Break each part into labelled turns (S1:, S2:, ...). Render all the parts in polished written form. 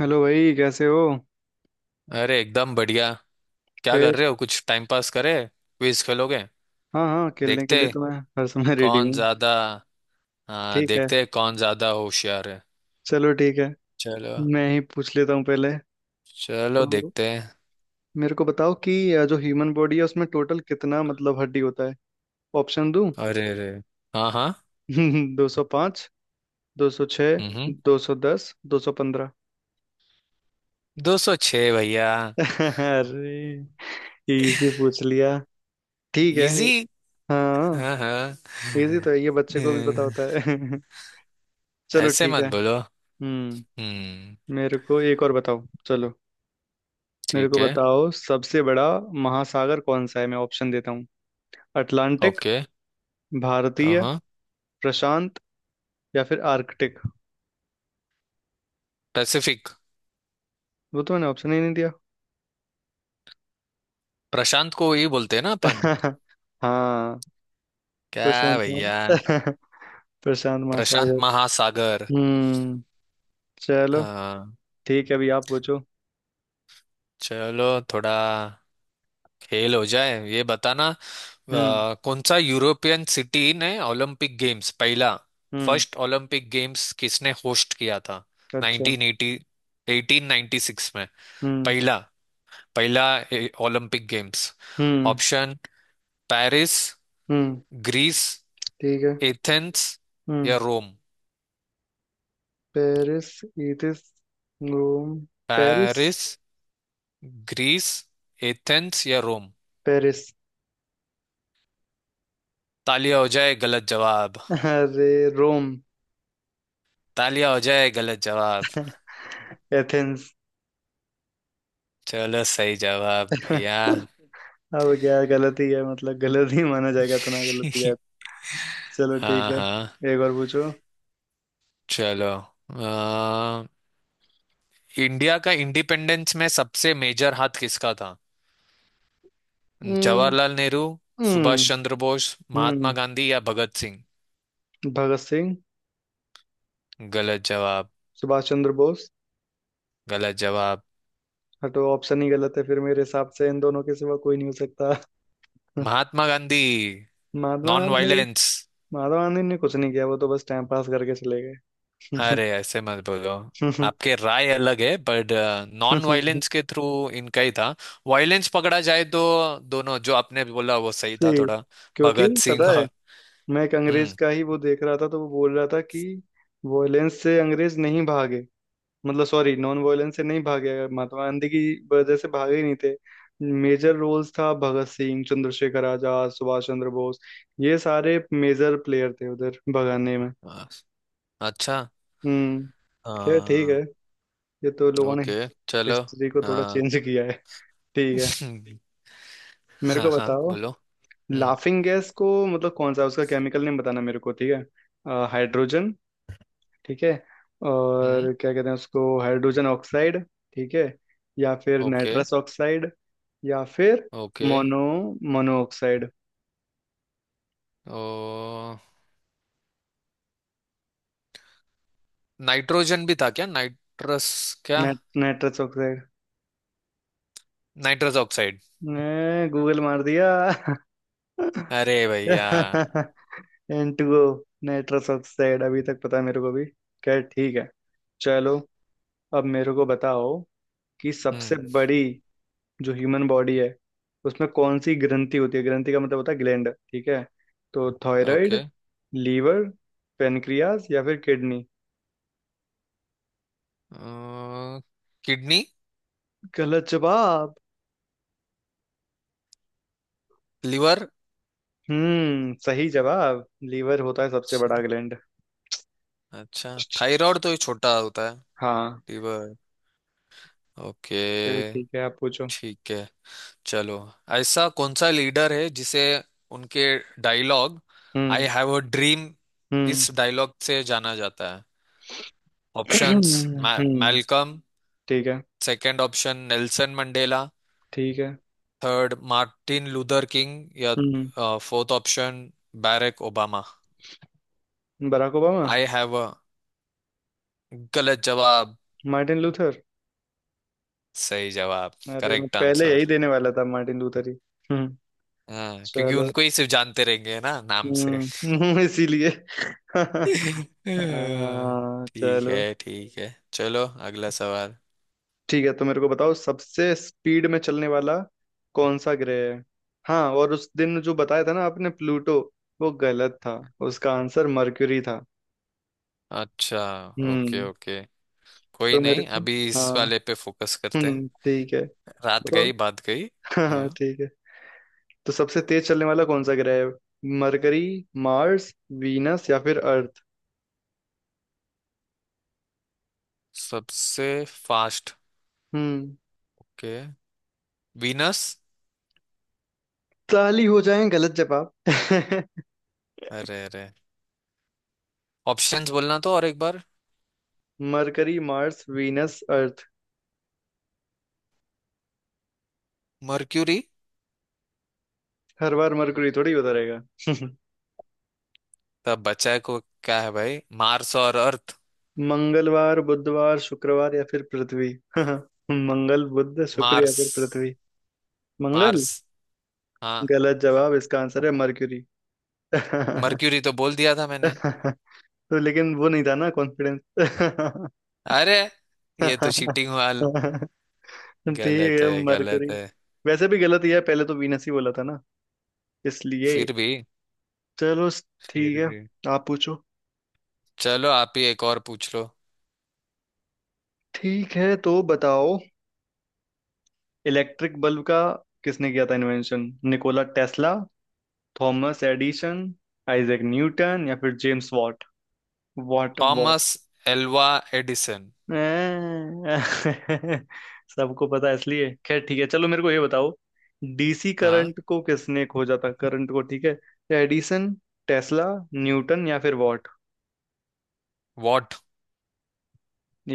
S1: Hello भाई, कैसे हो।
S2: अरे एकदम बढ़िया। क्या
S1: फिर।
S2: कर रहे हो, कुछ टाइम पास करे, क्विज खेलोगे।
S1: हाँ हाँ, खेलने के
S2: देखते
S1: लिए
S2: हैं
S1: तो मैं हर समय रेडी
S2: कौन
S1: हूँ।
S2: ज्यादा। हाँ,
S1: ठीक है,
S2: देखते हैं कौन ज्यादा होशियार है।
S1: चलो ठीक है।
S2: चलो।
S1: मैं ही पूछ लेता हूँ पहले।
S2: चलो
S1: तो
S2: देखते हैं।
S1: मेरे को बताओ कि जो ह्यूमन बॉडी है उसमें टोटल कितना मतलब हड्डी होता है। ऑप्शन दूँ।
S2: अरे अरे। हाँ हाँ।
S1: 205, दो सौ
S2: हम्म
S1: छः
S2: हम्म।
S1: 210, 215।
S2: 206 भैया।
S1: अरे, इजी पूछ लिया। ठीक है।
S2: इजी।
S1: हाँ।
S2: हाँ हाँ।
S1: इजी तो है, ये बच्चे को भी पता
S2: हम्म,
S1: होता है। चलो
S2: ऐसे
S1: ठीक
S2: मत
S1: है।
S2: बोलो।
S1: हम्म।
S2: हम्म।
S1: मेरे को एक और बताओ, चलो। मेरे
S2: ठीक
S1: को
S2: है।
S1: बताओ सबसे बड़ा महासागर कौन सा है, मैं ऑप्शन देता हूँ। Atlantic,
S2: okay.
S1: भारतीय,
S2: हाँ।
S1: प्रशांत या फिर आर्कटिक।
S2: पैसिफिक।
S1: वो तो मैंने ऑप्शन ही नहीं दिया।
S2: प्रशांत को ये बोलते हैं ना अपन।
S1: हाँ।
S2: क्या
S1: प्रशांत
S2: भैया।
S1: महा- प्रशांत
S2: प्रशांत
S1: महासागर।
S2: महासागर।
S1: हम्म। चलो
S2: हाँ।
S1: ठीक है, अभी आप पूछो।
S2: चलो। थोड़ा खेल हो जाए, ये बताना।
S1: हम्म।
S2: कौन सा यूरोपियन सिटी ने ओलंपिक गेम्स पहला।
S1: हम्म।
S2: फर्स्ट ओलंपिक गेम्स किसने होस्ट किया था।
S1: अच्छा।
S2: 1980 1896 में।
S1: हम्म।
S2: पहला पहला ओलंपिक गेम्स।
S1: हम्म।
S2: ऑप्शन पेरिस,
S1: हम्म।
S2: ग्रीस,
S1: ठीक है।
S2: एथेंस या
S1: हम्म।
S2: रोम।
S1: पेरिस, इथिस, Rome. Paris.
S2: Paris, Greece, Athens या रोम।
S1: पेरिस।
S2: तालिया हो जाए गलत जवाब।
S1: अरे, रोम।
S2: तालिया हो जाए गलत जवाब।
S1: एथेंस।
S2: चलो सही जवाब भैया।
S1: अब क्या गलती है, मतलब गलत ही माना जाएगा इतना गलती है। चलो ठीक
S2: हाँ
S1: है,
S2: हाँ।
S1: एक और पूछो।
S2: चलो। अ, इंडिया का इंडिपेंडेंस में सबसे मेजर हाथ किसका था।
S1: हम्म।
S2: जवाहरलाल नेहरू, सुभाष
S1: हम्म।
S2: चंद्र बोस,
S1: हम्म।
S2: महात्मा गांधी या भगत सिंह।
S1: भगत सिंह।
S2: गलत जवाब।
S1: सुभाष चंद्र बोस।
S2: गलत जवाब।
S1: हटो, ऑप्शन ही गलत है फिर, मेरे हिसाब से इन दोनों के सिवा कोई नहीं हो सकता।
S2: महात्मा गांधी।
S1: महात्मा
S2: नॉन
S1: गांधी।
S2: वायलेंस।
S1: महात्मा गांधी ने कुछ नहीं किया, वो तो बस टाइम पास करके चले गए।
S2: अरे ऐसे मत बोलो। आपके राय अलग है, बट नॉन वायलेंस के थ्रू इनका ही था। वायलेंस पकड़ा जाए तो दोनों जो आपने बोला वो सही था
S1: सही।
S2: थोड़ा।
S1: क्योंकि
S2: भगत
S1: पता है,
S2: सिंह।
S1: मैं एक अंग्रेज
S2: हम्म।
S1: का ही वो देख रहा था तो वो बोल रहा था कि वॉयलेंस से अंग्रेज नहीं भागे। मतलब सॉरी, नॉन वायलेंस से नहीं भागे, महात्मा गांधी की वजह से भागे ही नहीं थे। मेजर रोल्स था भगत सिंह, चंद्रशेखर आजाद, सुभाष चंद्र बोस, ये सारे मेजर प्लेयर थे उधर भगाने में।
S2: आ, अच्छा।
S1: हम्म। खैर ठीक है।
S2: आ,
S1: ये तो लोगों ने
S2: ओके चलो।
S1: हिस्ट्री को थोड़ा
S2: हाँ।
S1: चेंज किया है। ठीक है। मेरे
S2: हाँ
S1: को
S2: हाँ
S1: बताओ
S2: बोलो। हम्म
S1: लाफिंग गैस को मतलब कौन सा उसका केमिकल नेम, बताना मेरे को, ठीक है। हाइड्रोजन, ठीक है।
S2: हम्म।
S1: और क्या कहते हैं उसको, हाइड्रोजन ऑक्साइड ठीक है, या फिर
S2: ओके
S1: नाइट्रस ऑक्साइड, या फिर
S2: ओके।
S1: Mono mono oxide.
S2: ओ। नाइट्रोजन भी था क्या, नाइट्रस। क्या।
S1: Nitrous oxide
S2: nitrous oxide.
S1: ने गूगल मार दिया।
S2: अरे भैया।
S1: N2O। नाइट्रस ऑक्साइड अभी तक पता है मेरे को भी। खैर ठीक है, चलो। अब मेरे को बताओ कि सबसे
S2: हम्म।
S1: बड़ी, जो ह्यूमन बॉडी है उसमें कौन सी ग्रंथि होती है, ग्रंथि का मतलब होता है ग्लैंड, ठीक है। तो
S2: ओके।
S1: थायराइड, लीवर, पेनक्रियास या फिर किडनी।
S2: अ, किडनी।
S1: गलत जवाब।
S2: लिवर।
S1: हम्म, सही जवाब। लीवर होता है सबसे बड़ा ग्लैंड।
S2: अच्छा। थायराइड तो ये छोटा होता है।
S1: हाँ।
S2: लिवर। ओके।
S1: चलिए ठीक है, आप पूछो।
S2: ठीक है। चलो। ऐसा कौन सा लीडर है जिसे उनके dialogue I
S1: hmm.
S2: Have a dream,
S1: हम्म।
S2: इस डायलॉग से जाना जाता है। ऑप्शंस।
S1: हम्म।
S2: मैल्कम।
S1: ठीक है।
S2: Second option Nelson Mandela.
S1: ठीक है।
S2: थर्ड मार्टिन लूथर किंग या
S1: हम्म।
S2: Fourth option Barack Obama.
S1: Barack Obama.
S2: I have a. गलत जवाब।
S1: Martin Luther.
S2: सही जवाब,
S1: अरे, मैं
S2: करेक्ट
S1: पहले यही
S2: आंसर।
S1: देने वाला था, मार्टिन लूथर ही। हम्म।
S2: हाँ, क्योंकि
S1: चलो।
S2: उनको ही सिर्फ जानते रहेंगे ना नाम से।
S1: हम्म। इसीलिए। आ,
S2: हाँ,
S1: चलो
S2: ठीक है चलो। अगला सवाल।
S1: ठीक है। तो मेरे को बताओ सबसे स्पीड में चलने वाला कौन सा ग्रह है। हाँ, और उस दिन जो बताया था ना आपने प्लूटो, वो गलत था। उसका आंसर मरक्यूरी था।
S2: अच्छा। ओके
S1: हम्म।
S2: ओके। कोई
S1: तो मेरे
S2: नहीं,
S1: को,
S2: अभी इस
S1: हाँ,
S2: वाले पे फोकस करते हैं।
S1: ठीक है,
S2: रात
S1: बताओ।
S2: गई बात गई।
S1: हाँ
S2: हाँ।
S1: ठीक है। तो सबसे तेज चलने वाला कौन सा ग्रह है। मरकरी, मार्स, वीनस या फिर अर्थ।
S2: सबसे फास्ट
S1: हम्म।
S2: के वीनस।
S1: ताली हो जाए गलत जवाब।
S2: अरे अरे। ऑप्शंस बोलना तो और एक बार।
S1: Mercury, Mars, Venus, Earth.
S2: Mercury.
S1: हर बार मरकरी थोड़ी होता रहेगा।
S2: तब बचा है को क्या है भाई, मार्स और अर्थ।
S1: मंगलवार, बुधवार, शुक्रवार या फिर पृथ्वी। मंगल, बुध, शुक्र या
S2: मार्स।
S1: फिर पृथ्वी। मंगल।
S2: मार्स। हाँ।
S1: गलत जवाब, इसका आंसर है मर्क्यूरी।
S2: मर्क्यूरी तो बोल दिया था मैंने।
S1: तो लेकिन वो नहीं था ना कॉन्फिडेंस।
S2: अरे। ये तो चीटिंग वाल
S1: ठीक
S2: गलत
S1: है
S2: है गलत
S1: मरकरी,
S2: है।
S1: वैसे भी गलत ही है, पहले तो वीनस ही बोला था ना इसलिए।
S2: फिर भी।
S1: चलो ठीक
S2: फिर
S1: है,
S2: भी।
S1: आप पूछो।
S2: चलो, आप ही एक और पूछ लो।
S1: ठीक है तो बताओ, इलेक्ट्रिक बल्ब का किसने किया था invention, Nikola Tesla, Thomas Edison, Isaac Newton या फिर James Watt. Watt Watt.
S2: Thomas Alva Edison.
S1: अं, सबको पता है इसलिए, खैर ठीक है। चलो मेरे को ये बताओ, डीसी
S2: हाँ।
S1: करंट को किसने खोजा था, करंट को, ठीक है। एडिसन, टेस्ला, न्यूटन या फिर वॉट।
S2: वॉट।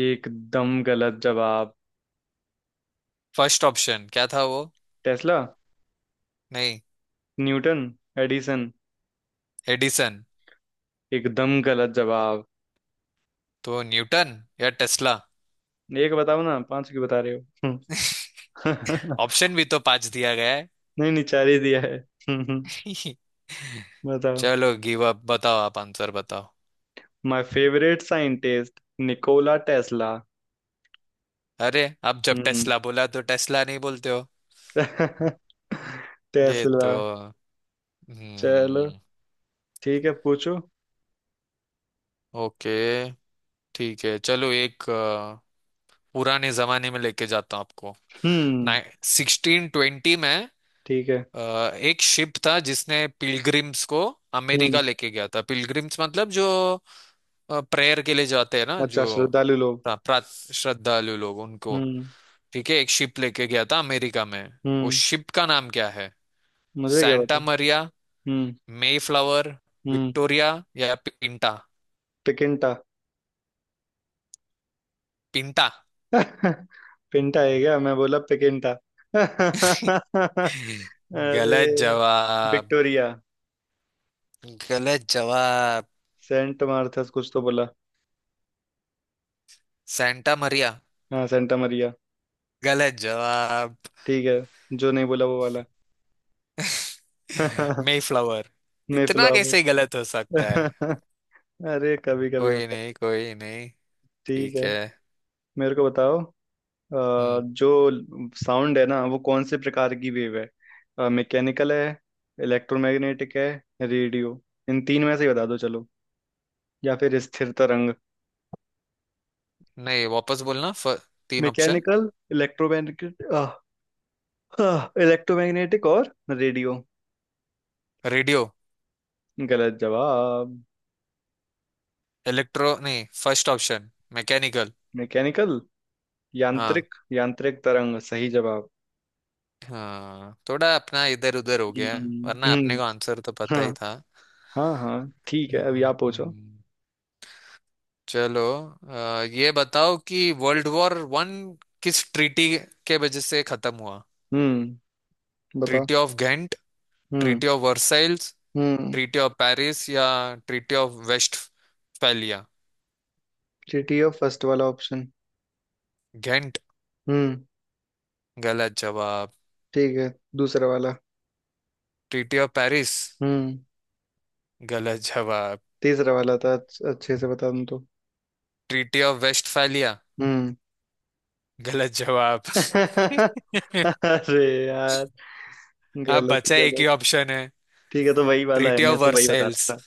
S1: एकदम गलत जवाब।
S2: फर्स्ट ऑप्शन क्या था वो।
S1: टेस्ला।
S2: नहीं।
S1: Newton, Edison.
S2: एडिसन।
S1: एकदम गलत जवाब।
S2: तो न्यूटन या टेस्ला।
S1: एक बताओ ना, पांच क्यों बता रहे हो।
S2: ऑप्शन भी तो पांच दिया गया है।
S1: नहीं नहीं, चार ही दिया है। बताओ।
S2: चलो गिव अप, बताओ आप आंसर बताओ।
S1: My favorite scientist, Nikola Tesla.
S2: अरे, अब जब
S1: हम्म।
S2: टेस्ला बोला तो टेस्ला नहीं बोलते हो। ये
S1: टेस्ला।
S2: तो।
S1: चलो
S2: हम्म।
S1: ठीक है, पूछो।
S2: ओके। ठीक है चलो एक पुराने जमाने में लेके जाता हूँ आपको।
S1: हम्म।
S2: 1620 में
S1: ठीक है।
S2: अ, एक शिप था जिसने पिलग्रिम्स को
S1: हम्म।
S2: अमेरिका लेके गया था। पिलग्रिम्स मतलब जो प्रेयर के लिए जाते हैं ना, जो
S1: अच्छा, श्रद्धालु लोग।
S2: प्रा, प्रा- श्रद्धालु लोग उनको।
S1: हम्म।
S2: ठीक है, एक शिप लेके गया था अमेरिका में, वो
S1: हम्म।
S2: शिप का नाम क्या है।
S1: मुझे क्या पता।
S2: सैंटा मरिया,
S1: हम्म।
S2: मे फ्लावर,
S1: हम्म।
S2: विक्टोरिया या पिंटा।
S1: पिकिंटा।
S2: पिंटा।
S1: पिंटा है क्या, मैं बोला पिकिंटा।
S2: गलत
S1: अरे।
S2: जवाब।
S1: विक्टोरिया।
S2: गलत जवाब।
S1: सेंट मार्थस कुछ तो बोला।
S2: सैंटा मरिया।
S1: हाँ, सेंटा मरिया।
S2: गलत जवाब।
S1: ठीक है, जो नहीं बोला वो वाला।
S2: मेफ्लावर, इतना
S1: मेफ्लावर।
S2: कैसे गलत हो सकता है।
S1: अरे, कभी कभी
S2: कोई
S1: होता है।
S2: नहीं कोई नहीं।
S1: ठीक
S2: ठीक
S1: है।
S2: है।
S1: मेरे को बताओ अ,
S2: हम्म।
S1: जो साउंड है ना वो कौन से प्रकार की वेव है, मैकेनिकल है, इलेक्ट्रोमैग्नेटिक है, रेडियो, इन तीन में से ही बता दो चलो, या फिर स्थिर तरंग।
S2: नहीं, वापस बोलना तीन ऑप्शन।
S1: मैकेनिकल, इलेक्ट्रोमैग्नेटिक इलेक्ट्रोमैग्नेटिक और रेडियो।
S2: रेडियो।
S1: गलत जवाब।
S2: इलेक्ट्रो नहीं फर्स्ट ऑप्शन। मैकेनिकल।
S1: मैकेनिकल,
S2: हाँ।
S1: यांत्रिक। यांत्रिक तरंग सही जवाब।
S2: हाँ, थोड़ा अपना इधर उधर हो गया है, वरना अपने
S1: हम्म।
S2: को आंसर तो
S1: हाँ।
S2: पता ही था।
S1: हाँ हाँ, ठीक है, अभी आप पूछो।
S2: हम्म, चलो। ये बताओ कि वर्ल्ड वॉर वन किस ट्रीटी के वजह से खत्म हुआ।
S1: हम्म। बताओ।
S2: ट्रीटी ऑफ घेंट,
S1: हम्म।
S2: ट्रीटी ऑफ वर्साइल्स,
S1: हम्म।
S2: ट्रीटी ऑफ पेरिस या ट्रीटी ऑफ वेस्टफैलिया।
S1: जीटीओ फर्स्ट वाला ऑप्शन।
S2: घेंट।
S1: हम्म।
S2: गलत जवाब।
S1: ठीक है, दूसरा वाला।
S2: Treaty of Paris.
S1: हम्म।
S2: गलत जवाब।
S1: तीसरा वाला था, अच्छे से बता दूं तो।
S2: Treaty of Westphalia.
S1: हम्म।
S2: गलत जवाब।
S1: अरे यार,
S2: आप
S1: गलत
S2: बचा एक ही
S1: गलत।
S2: ऑप्शन है।
S1: ठीक है, तो वही वाला है,
S2: ट्रीटी
S1: मैं
S2: ऑफ
S1: तो वही बता
S2: वर्सेल्स।
S1: रहा था।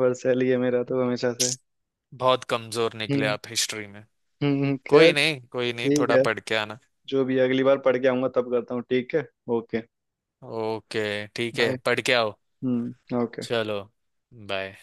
S1: वर्सेली है मेरा तो हमेशा से।
S2: बहुत कमजोर निकले
S1: हम्म।
S2: आप हिस्ट्री में।
S1: हम्म, खैर।
S2: कोई नहीं
S1: ठीक
S2: थोड़ा
S1: है,
S2: पढ़ के आना।
S1: जो भी है, अगली बार पढ़ के आऊंगा तब करता हूँ, ठीक है। ओके।
S2: ओके ठीक है
S1: बाय।
S2: पढ़ के आओ।
S1: हम्म। ओके।
S2: चलो बाय।